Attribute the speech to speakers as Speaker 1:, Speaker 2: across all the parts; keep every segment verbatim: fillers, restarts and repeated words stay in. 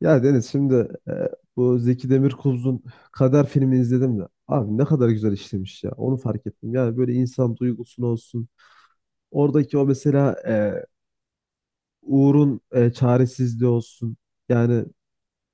Speaker 1: Ya Deniz şimdi e, bu Zeki Demirkubuz'un Kader filmini izledim de abi ne kadar güzel işlemiş ya onu fark ettim. Yani böyle insan duygusunu olsun oradaki o mesela e, Uğur'un e, çaresizliği olsun yani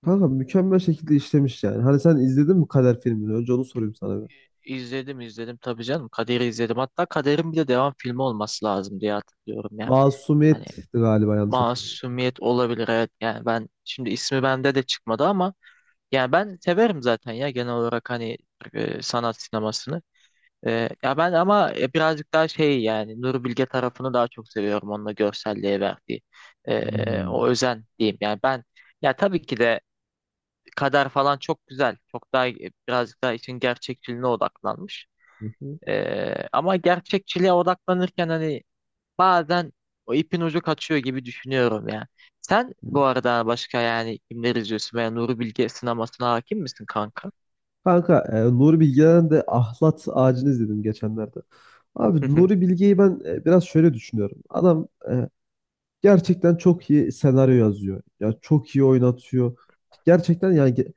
Speaker 2: Hı
Speaker 1: kanka
Speaker 2: hı.
Speaker 1: mükemmel şekilde işlemiş yani. Hani sen izledin mi Kader filmini önce onu sorayım sana bir.
Speaker 2: İzledim izledim tabii canım. Kader'i izledim. Hatta Kader'in bir de devam filmi olması lazım diye hatırlıyorum ya. Hani
Speaker 1: Masumiyet'ti galiba yanlış hatırlamıyorum.
Speaker 2: Masumiyet olabilir, evet. Yani ben şimdi ismi bende de çıkmadı ama. Yani ben severim zaten ya, genel olarak hani e, sanat sinemasını. E, ya ben ama e, birazcık daha şey, yani Nuri Bilge tarafını daha çok seviyorum, onunla görselliğe verdiği e, o
Speaker 1: Hmm.
Speaker 2: özen diyeyim. Yani ben, ya tabii ki de Kader falan çok güzel. Çok daha e, birazcık daha için gerçekçiliğine odaklanmış.
Speaker 1: Hı hı.
Speaker 2: E, ama gerçekçiliğe odaklanırken hani bazen o ipin ucu kaçıyor gibi düşünüyorum ya. Sen bu arada başka yani kimler izliyorsun veya Nuri Bilge sinemasına hakim misin kanka?
Speaker 1: Kanka e, Nuri Bilge'den de Ahlat Ağacı'nı izledim geçenlerde. Abi Nuri Bilge'yi ben e, biraz şöyle düşünüyorum. Adam e, gerçekten çok iyi senaryo yazıyor. Ya çok iyi oynatıyor. Gerçekten yani ge-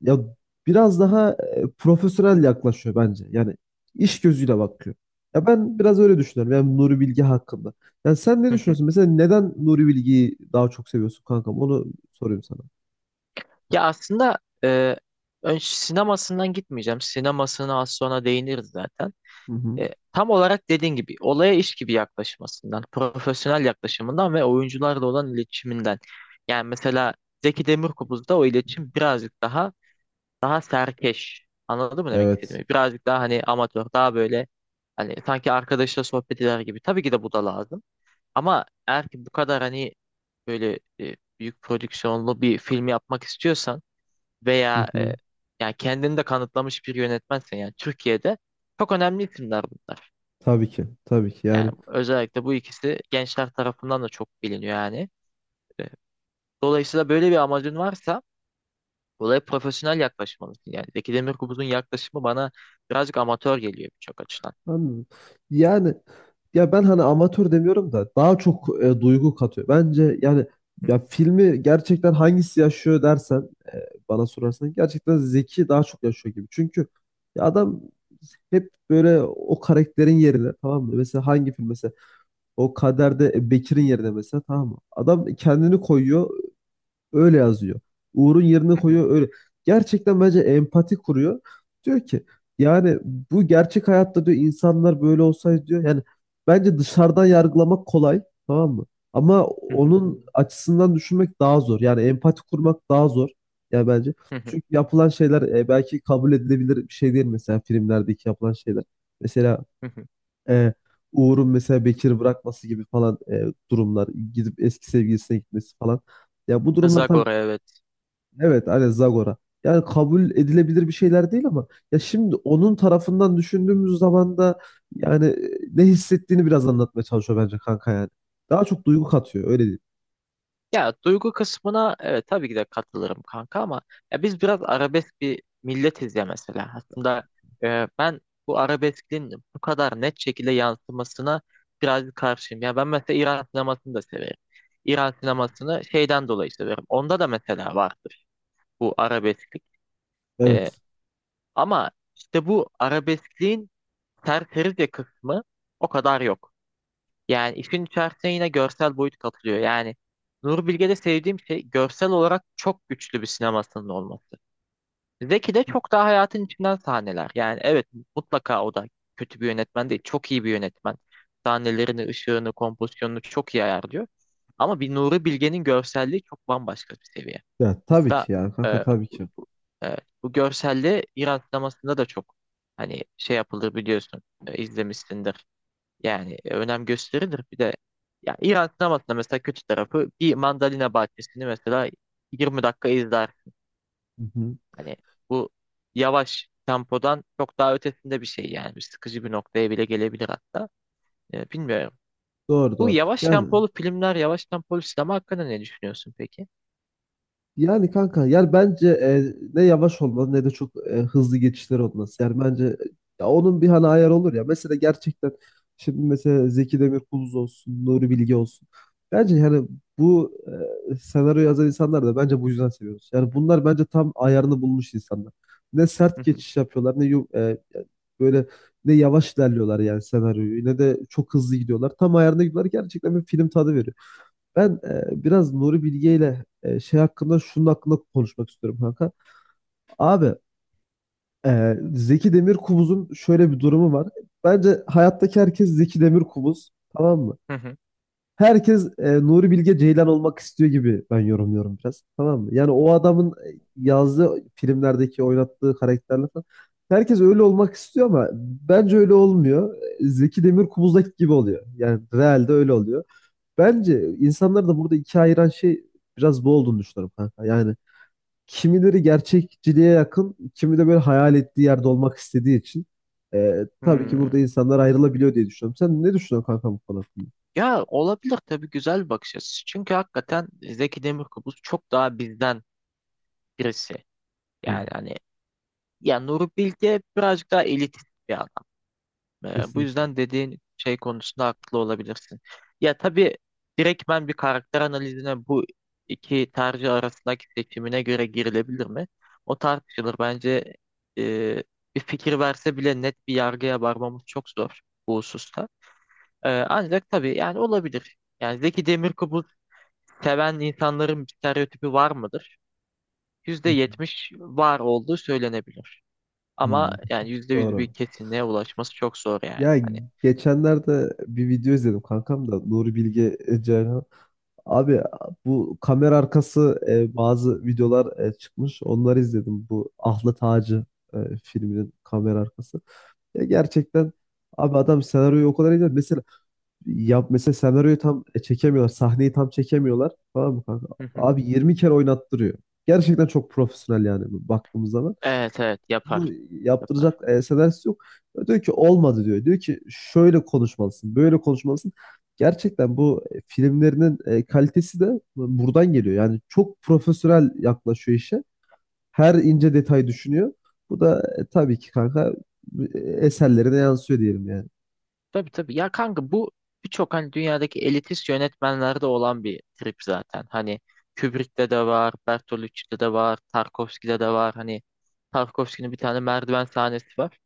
Speaker 1: ya biraz daha e, profesyonel yaklaşıyor bence. Yani iş gözüyle bakıyor. Ya ben biraz öyle düşünüyorum. Yani Nuri Bilge hakkında. Yani sen ne
Speaker 2: Hı hı.
Speaker 1: düşünüyorsun? Mesela neden Nuri Bilge'yi daha çok seviyorsun kankam? Onu sorayım sana.
Speaker 2: Ya aslında e, ön sinemasından gitmeyeceğim. Sinemasına az sonra değiniriz zaten.
Speaker 1: Hı hı.
Speaker 2: E, tam olarak dediğin gibi olaya iş gibi yaklaşmasından, profesyonel yaklaşımından ve oyuncularla olan iletişiminden. Yani mesela Zeki Demirkubuz'da o iletişim birazcık daha daha serkeş. Anladın mı demek
Speaker 1: Evet.
Speaker 2: istediğimi? Birazcık daha hani amatör, daha böyle hani sanki arkadaşla sohbet eder gibi. Tabii ki de bu da lazım. Ama eğer ki bu kadar hani böyle e, büyük prodüksiyonlu bir film yapmak istiyorsan
Speaker 1: Hı
Speaker 2: veya
Speaker 1: hı.
Speaker 2: e, yani kendini de kanıtlamış bir yönetmensen, yani Türkiye'de çok önemli isimler bunlar.
Speaker 1: Tabii ki. Tabii ki.
Speaker 2: Yani
Speaker 1: Yani
Speaker 2: özellikle bu ikisi gençler tarafından da çok biliniyor yani. E, Dolayısıyla böyle bir amacın varsa olaya profesyonel yaklaşmalısın. Yani Zeki Demirkubuz'un yaklaşımı bana birazcık amatör geliyor birçok açıdan.
Speaker 1: anladım. Yani ya ben hani amatör demiyorum da daha çok e, duygu katıyor. Bence yani
Speaker 2: Hı.
Speaker 1: ya filmi gerçekten hangisi yaşıyor dersen e, bana sorarsan gerçekten Zeki daha çok yaşıyor gibi. Çünkü ya adam hep böyle o karakterin yerine tamam mı? Mesela hangi film mesela o Kader'de e, Bekir'in yerine mesela tamam mı? Adam kendini koyuyor, öyle yazıyor. Uğur'un yerine
Speaker 2: Hı hı,
Speaker 1: koyuyor öyle. Gerçekten bence empati kuruyor. Diyor ki yani bu gerçek hayatta diyor insanlar böyle olsaydı diyor. Yani bence dışarıdan yargılamak kolay tamam mı? Ama
Speaker 2: hı hı,
Speaker 1: onun açısından düşünmek daha zor. Yani empati kurmak daha zor. Yani bence.
Speaker 2: hı hı,
Speaker 1: Çünkü yapılan şeyler e, belki kabul edilebilir bir şey değil mesela filmlerdeki yapılan şeyler. Mesela
Speaker 2: hı hı.
Speaker 1: e, Uğur'un mesela Bekir'i bırakması gibi falan e, durumlar. Gidip eski sevgilisine gitmesi falan. Ya bu durumlar tabii
Speaker 2: Zagor'a evet.
Speaker 1: evet, aynen Zagora. Yani kabul edilebilir bir şeyler değil ama ya şimdi onun tarafından düşündüğümüz zaman da yani e, ne hissettiğini biraz anlatmaya çalışıyor bence kanka yani. Daha çok duygu katıyor öyle değil.
Speaker 2: Ya duygu kısmına evet tabii ki de katılırım kanka ama ya biz biraz arabesk bir milletiz ya mesela. Aslında e, ben bu arabeskin bu kadar net şekilde yansımasına biraz karşıyım. Ya ben mesela İran sinemasını da severim. İran sinemasını şeyden dolayı severim. Onda da mesela vardır bu arabesklik. E,
Speaker 1: Evet.
Speaker 2: ama işte bu arabeskliğin serserice kısmı o kadar yok. Yani işin içerisine yine görsel boyut katılıyor. Yani Nuri Bilge'de sevdiğim şey görsel olarak çok güçlü bir sinemasının olması. Zeki'de çok daha hayatın içinden sahneler. Yani evet mutlaka o da kötü bir yönetmen değil. Çok iyi bir yönetmen. Sahnelerini, ışığını, kompozisyonunu çok iyi ayarlıyor. Ama bir Nuri Bilge'nin görselliği çok bambaşka bir seviye.
Speaker 1: Ya tabii
Speaker 2: Mesela
Speaker 1: ki yani kanka
Speaker 2: e,
Speaker 1: tabii ki.
Speaker 2: evet, bu görselliği İran sinemasında da çok hani şey yapılır biliyorsun, e, izlemişsindir. Yani e, önem gösterilir. Bir de ya İran sinemasında mesela kötü tarafı bir mandalina bahçesini mesela yirmi dakika izler.
Speaker 1: Hı hı.
Speaker 2: Hani bu yavaş tempodan çok daha ötesinde bir şey yani. Bir sıkıcı bir noktaya bile gelebilir hatta. Ee, bilmiyorum.
Speaker 1: Doğru
Speaker 2: Bu
Speaker 1: doğru.
Speaker 2: yavaş
Speaker 1: Yani
Speaker 2: tempolu filmler, yavaş tempolu sinema hakkında ne düşünüyorsun peki?
Speaker 1: yani kanka yani bence e, ne yavaş olmalı ne de çok e, hızlı geçişler olması. Yani bence e, ya onun bir hani ayarı olur ya. Mesela gerçekten şimdi mesela Zeki Demirkubuz olsun, Nuri Bilge olsun. Bence yani bu e, senaryo yazan insanlar da bence bu yüzden seviyoruz. Yani bunlar bence tam ayarını bulmuş insanlar. Ne sert
Speaker 2: Hı hı,
Speaker 1: geçiş yapıyorlar ne yum- e, böyle ne yavaş ilerliyorlar yani senaryoyu ne de çok hızlı gidiyorlar. Tam ayarında gidiyorlar gerçekten bir film tadı veriyor. Ben e, biraz Nuri Bilge ile e, şey hakkında şunun hakkında konuşmak istiyorum kanka. Abi e, Zeki Demirkubuz'un şöyle bir durumu var. Bence hayattaki herkes Zeki Demirkubuz tamam mı?
Speaker 2: hı hı,
Speaker 1: Herkes e, Nuri Bilge Ceylan olmak istiyor gibi ben yorumluyorum biraz tamam mı? Yani o adamın e, yazdığı filmlerdeki oynattığı karakterler falan. Herkes öyle olmak istiyor ama bence öyle olmuyor. Zeki Demirkubuz'daki gibi oluyor. Yani realde öyle oluyor. Bence insanları da burada ikiye ayıran şey biraz bu olduğunu düşünüyorum kanka. Yani kimileri gerçekçiliğe yakın, kimi de böyle hayal ettiği yerde olmak istediği için e, tabii ki
Speaker 2: hmm.
Speaker 1: burada insanlar ayrılabiliyor diye düşünüyorum. Sen ne düşünüyorsun kanka bu konu hakkında?
Speaker 2: Ya olabilir tabii, güzel bir bakış açısı. Çünkü hakikaten Zeki Demirkubuz çok daha bizden birisi.
Speaker 1: Hı,
Speaker 2: Yani hani, ya Nuri Bilge birazcık daha elitist bir adam. Ee, bu
Speaker 1: kesinlikle.
Speaker 2: yüzden dediğin şey konusunda haklı olabilirsin. Ya tabii direkt ben bir karakter analizine bu iki tercih arasındaki seçimine göre girilebilir mi? O tartışılır. Bence e, bir fikir verse bile net bir yargıya varmamız çok zor bu hususta. Ee, ancak tabii yani olabilir. Yani Zeki Demirkubuz seven insanların bir stereotipi var mıdır?
Speaker 1: Hı
Speaker 2: yüzde yetmiş var olduğu söylenebilir.
Speaker 1: hı.
Speaker 2: Ama
Speaker 1: Hı,
Speaker 2: yani yüzde yüz bir
Speaker 1: doğru.
Speaker 2: kesinliğe ulaşması çok zor yani.
Speaker 1: Ya
Speaker 2: Hani,
Speaker 1: geçenlerde bir video izledim kankam da Nuri Bilge Ceylan. Abi bu kamera arkası e, bazı videolar e, çıkmış. Onları izledim. Bu Ahlat Ağacı e, filminin kamera arkası. Ya gerçekten abi adam senaryoyu o kadar iyi mesela yap mesela senaryoyu tam e, çekemiyorlar. Sahneyi tam çekemiyorlar. Tamam mı kanka?
Speaker 2: hı hı.
Speaker 1: Abi yirmi kere oynattırıyor. Gerçekten çok profesyonel yani baktığımız zaman.
Speaker 2: Evet evet yapar
Speaker 1: Bu
Speaker 2: yapar.
Speaker 1: yaptıracak e, senaryosu yok. Diyor ki olmadı diyor. Diyor ki şöyle konuşmalısın, böyle konuşmalısın. Gerçekten bu e, filmlerinin e, kalitesi de buradan geliyor. Yani çok profesyonel yaklaşıyor işe. Her ince detay düşünüyor. Bu da e, tabii ki kanka e, eserlerine yansıyor diyelim yani.
Speaker 2: Tabii tabii ya kanka, bu birçok hani dünyadaki elitist yönetmenlerde olan bir trip zaten. Hani Kubrick'te de var, Bertolucci'de de var, Tarkovski'de de var. Hani Tarkovski'nin bir tane merdiven sahnesi var.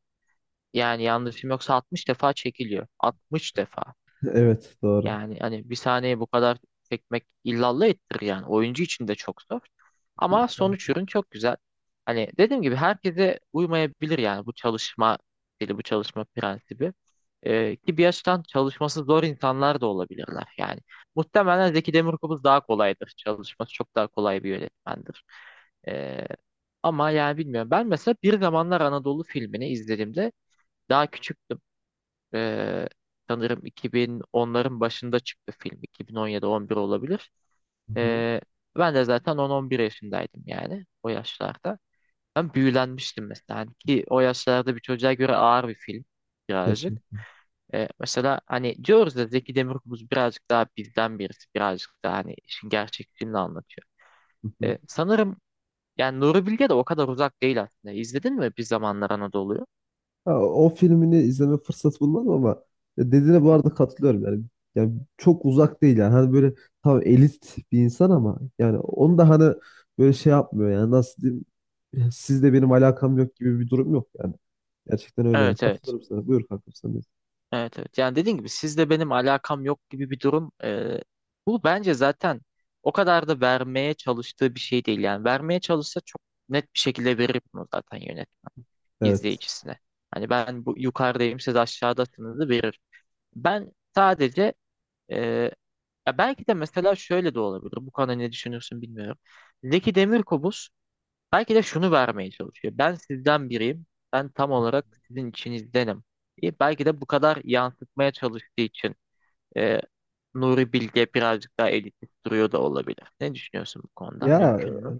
Speaker 2: Yani yanlışım yoksa altmış defa çekiliyor. altmış defa.
Speaker 1: Evet doğru.
Speaker 2: Yani hani bir saniye bu kadar çekmek illallah ettirir yani. Oyuncu için de çok zor. Ama
Speaker 1: Tabii
Speaker 2: sonuç
Speaker 1: ki.
Speaker 2: ürün çok güzel. Hani dediğim gibi herkese uymayabilir yani bu çalışma stili, bu çalışma prensibi. Ee, ki bir yaştan çalışması zor insanlar da olabilirler yani. Muhtemelen Zeki Demirkubuz daha kolaydır. Çalışması çok daha kolay bir yönetmendir. Ee, ama yani bilmiyorum. Ben mesela Bir Zamanlar Anadolu filmini izlediğimde daha küçüktüm. Ee, sanırım iki bin onların başında çıktı film. iki bin on yedi-on bir olabilir.
Speaker 1: Hı hı.
Speaker 2: Ee, ben de zaten on on bir yaşındaydım yani o yaşlarda. Ben büyülenmiştim mesela. Hani ki o yaşlarda bir çocuğa göre ağır bir film birazcık.
Speaker 1: Kesin.
Speaker 2: Ee, mesela hani diyoruz da Zeki Demirkubuz birazcık daha bizden birisi, birazcık daha hani işin gerçekçiliğini anlatıyor.
Speaker 1: Hı hı.
Speaker 2: Ee, sanırım yani Nuri Bilge de o kadar uzak değil aslında. İzledin mi Bir Zamanlar Anadolu'yu?
Speaker 1: Ha, o filmini izleme fırsatı bulmadım ama ya dediğine bu arada katılıyorum yani. Yani çok uzak değil yani. Hani böyle tam elit bir insan ama yani onu da hani böyle şey yapmıyor yani nasıl diyeyim, sizle benim alakam yok gibi bir durum yok yani. Gerçekten öyle yani.
Speaker 2: Evet evet.
Speaker 1: Katılıyorum sana. Buyur kankam sen de.
Speaker 2: Evet evet. Yani dediğim gibi sizle benim alakam yok gibi bir durum. Ee, bu bence zaten o kadar da vermeye çalıştığı bir şey değil. Yani vermeye çalışsa çok net bir şekilde verir bunu zaten yönetmen
Speaker 1: Evet.
Speaker 2: izleyicisine. Hani ben bu yukarıdayım siz aşağıdasınız da verir. Ben sadece e, ya belki de mesela şöyle de olabilir. Bu konuda ne düşünürsün bilmiyorum. Zeki Demirkubuz belki de şunu vermeye çalışıyor. Ben sizden biriyim. Ben tam olarak sizin içinizdenim. E, belki de bu kadar yansıtmaya çalıştığı için e, Nuri Bilge birazcık daha elitist duruyor da olabilir. Ne düşünüyorsun bu konuda?
Speaker 1: Ya
Speaker 2: Mümkün mü?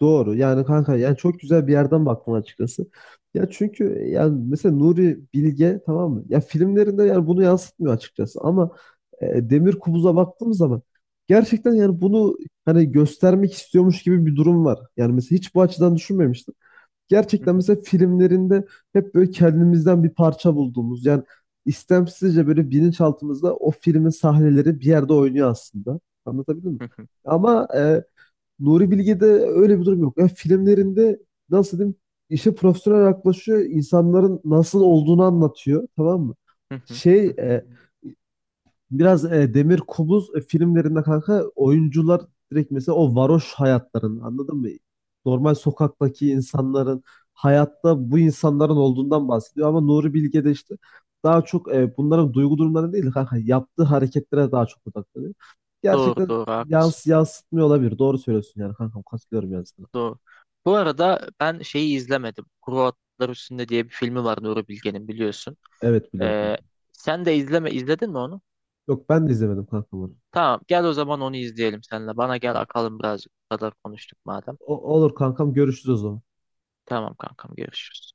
Speaker 1: doğru. Yani kanka yani çok güzel bir yerden baktın açıkçası. Ya çünkü yani mesela Nuri Bilge tamam mı? Ya filmlerinde yani bunu yansıtmıyor açıkçası ama e, Demir Kubuz'a baktığımız zaman gerçekten yani bunu hani göstermek istiyormuş gibi bir durum var. Yani mesela hiç bu açıdan düşünmemiştim.
Speaker 2: Hı
Speaker 1: Gerçekten
Speaker 2: hı,
Speaker 1: mesela filmlerinde hep böyle kendimizden bir parça bulduğumuz yani istemsizce böyle bilinçaltımızda o filmin sahneleri bir yerde oynuyor aslında. Anlatabildim mi?
Speaker 2: hı hı,
Speaker 1: Ama e, Nuri Bilge'de öyle bir durum yok. Yani filmlerinde nasıl diyeyim işe profesyonel yaklaşıyor. İnsanların nasıl olduğunu anlatıyor. Tamam mı?
Speaker 2: hı hı,
Speaker 1: Şey
Speaker 2: hı hı.
Speaker 1: e, Biraz e, Demir Kubuz e, filmlerinde kanka oyuncular direkt mesela o varoş hayatların anladın mı? Normal sokaktaki insanların hayatta bu insanların olduğundan bahsediyor ama Nuri Bilge de işte daha çok e, bunların duygu durumları değil de kanka yaptığı hareketlere daha çok odaklanıyor.
Speaker 2: Doğru
Speaker 1: Gerçekten
Speaker 2: doğru haklısın.
Speaker 1: yans yansıtmıyor olabilir. Doğru söylüyorsun yani kankam katılıyorum yani sana.
Speaker 2: Doğru. Bu arada ben şeyi izlemedim. Kuru Otlar Üstünde diye bir filmi var Nuri Bilge'nin, biliyorsun.
Speaker 1: Evet biliyorum.
Speaker 2: E, sen de izleme izledin mi onu?
Speaker 1: Yok ben de izlemedim kankam onu.
Speaker 2: Tamam, gel o zaman onu izleyelim seninle. Bana gel
Speaker 1: Tamam.
Speaker 2: akalım birazcık. Bu kadar konuştuk madem.
Speaker 1: O- olur kankam görüşürüz o zaman.
Speaker 2: Tamam kankam, görüşürüz.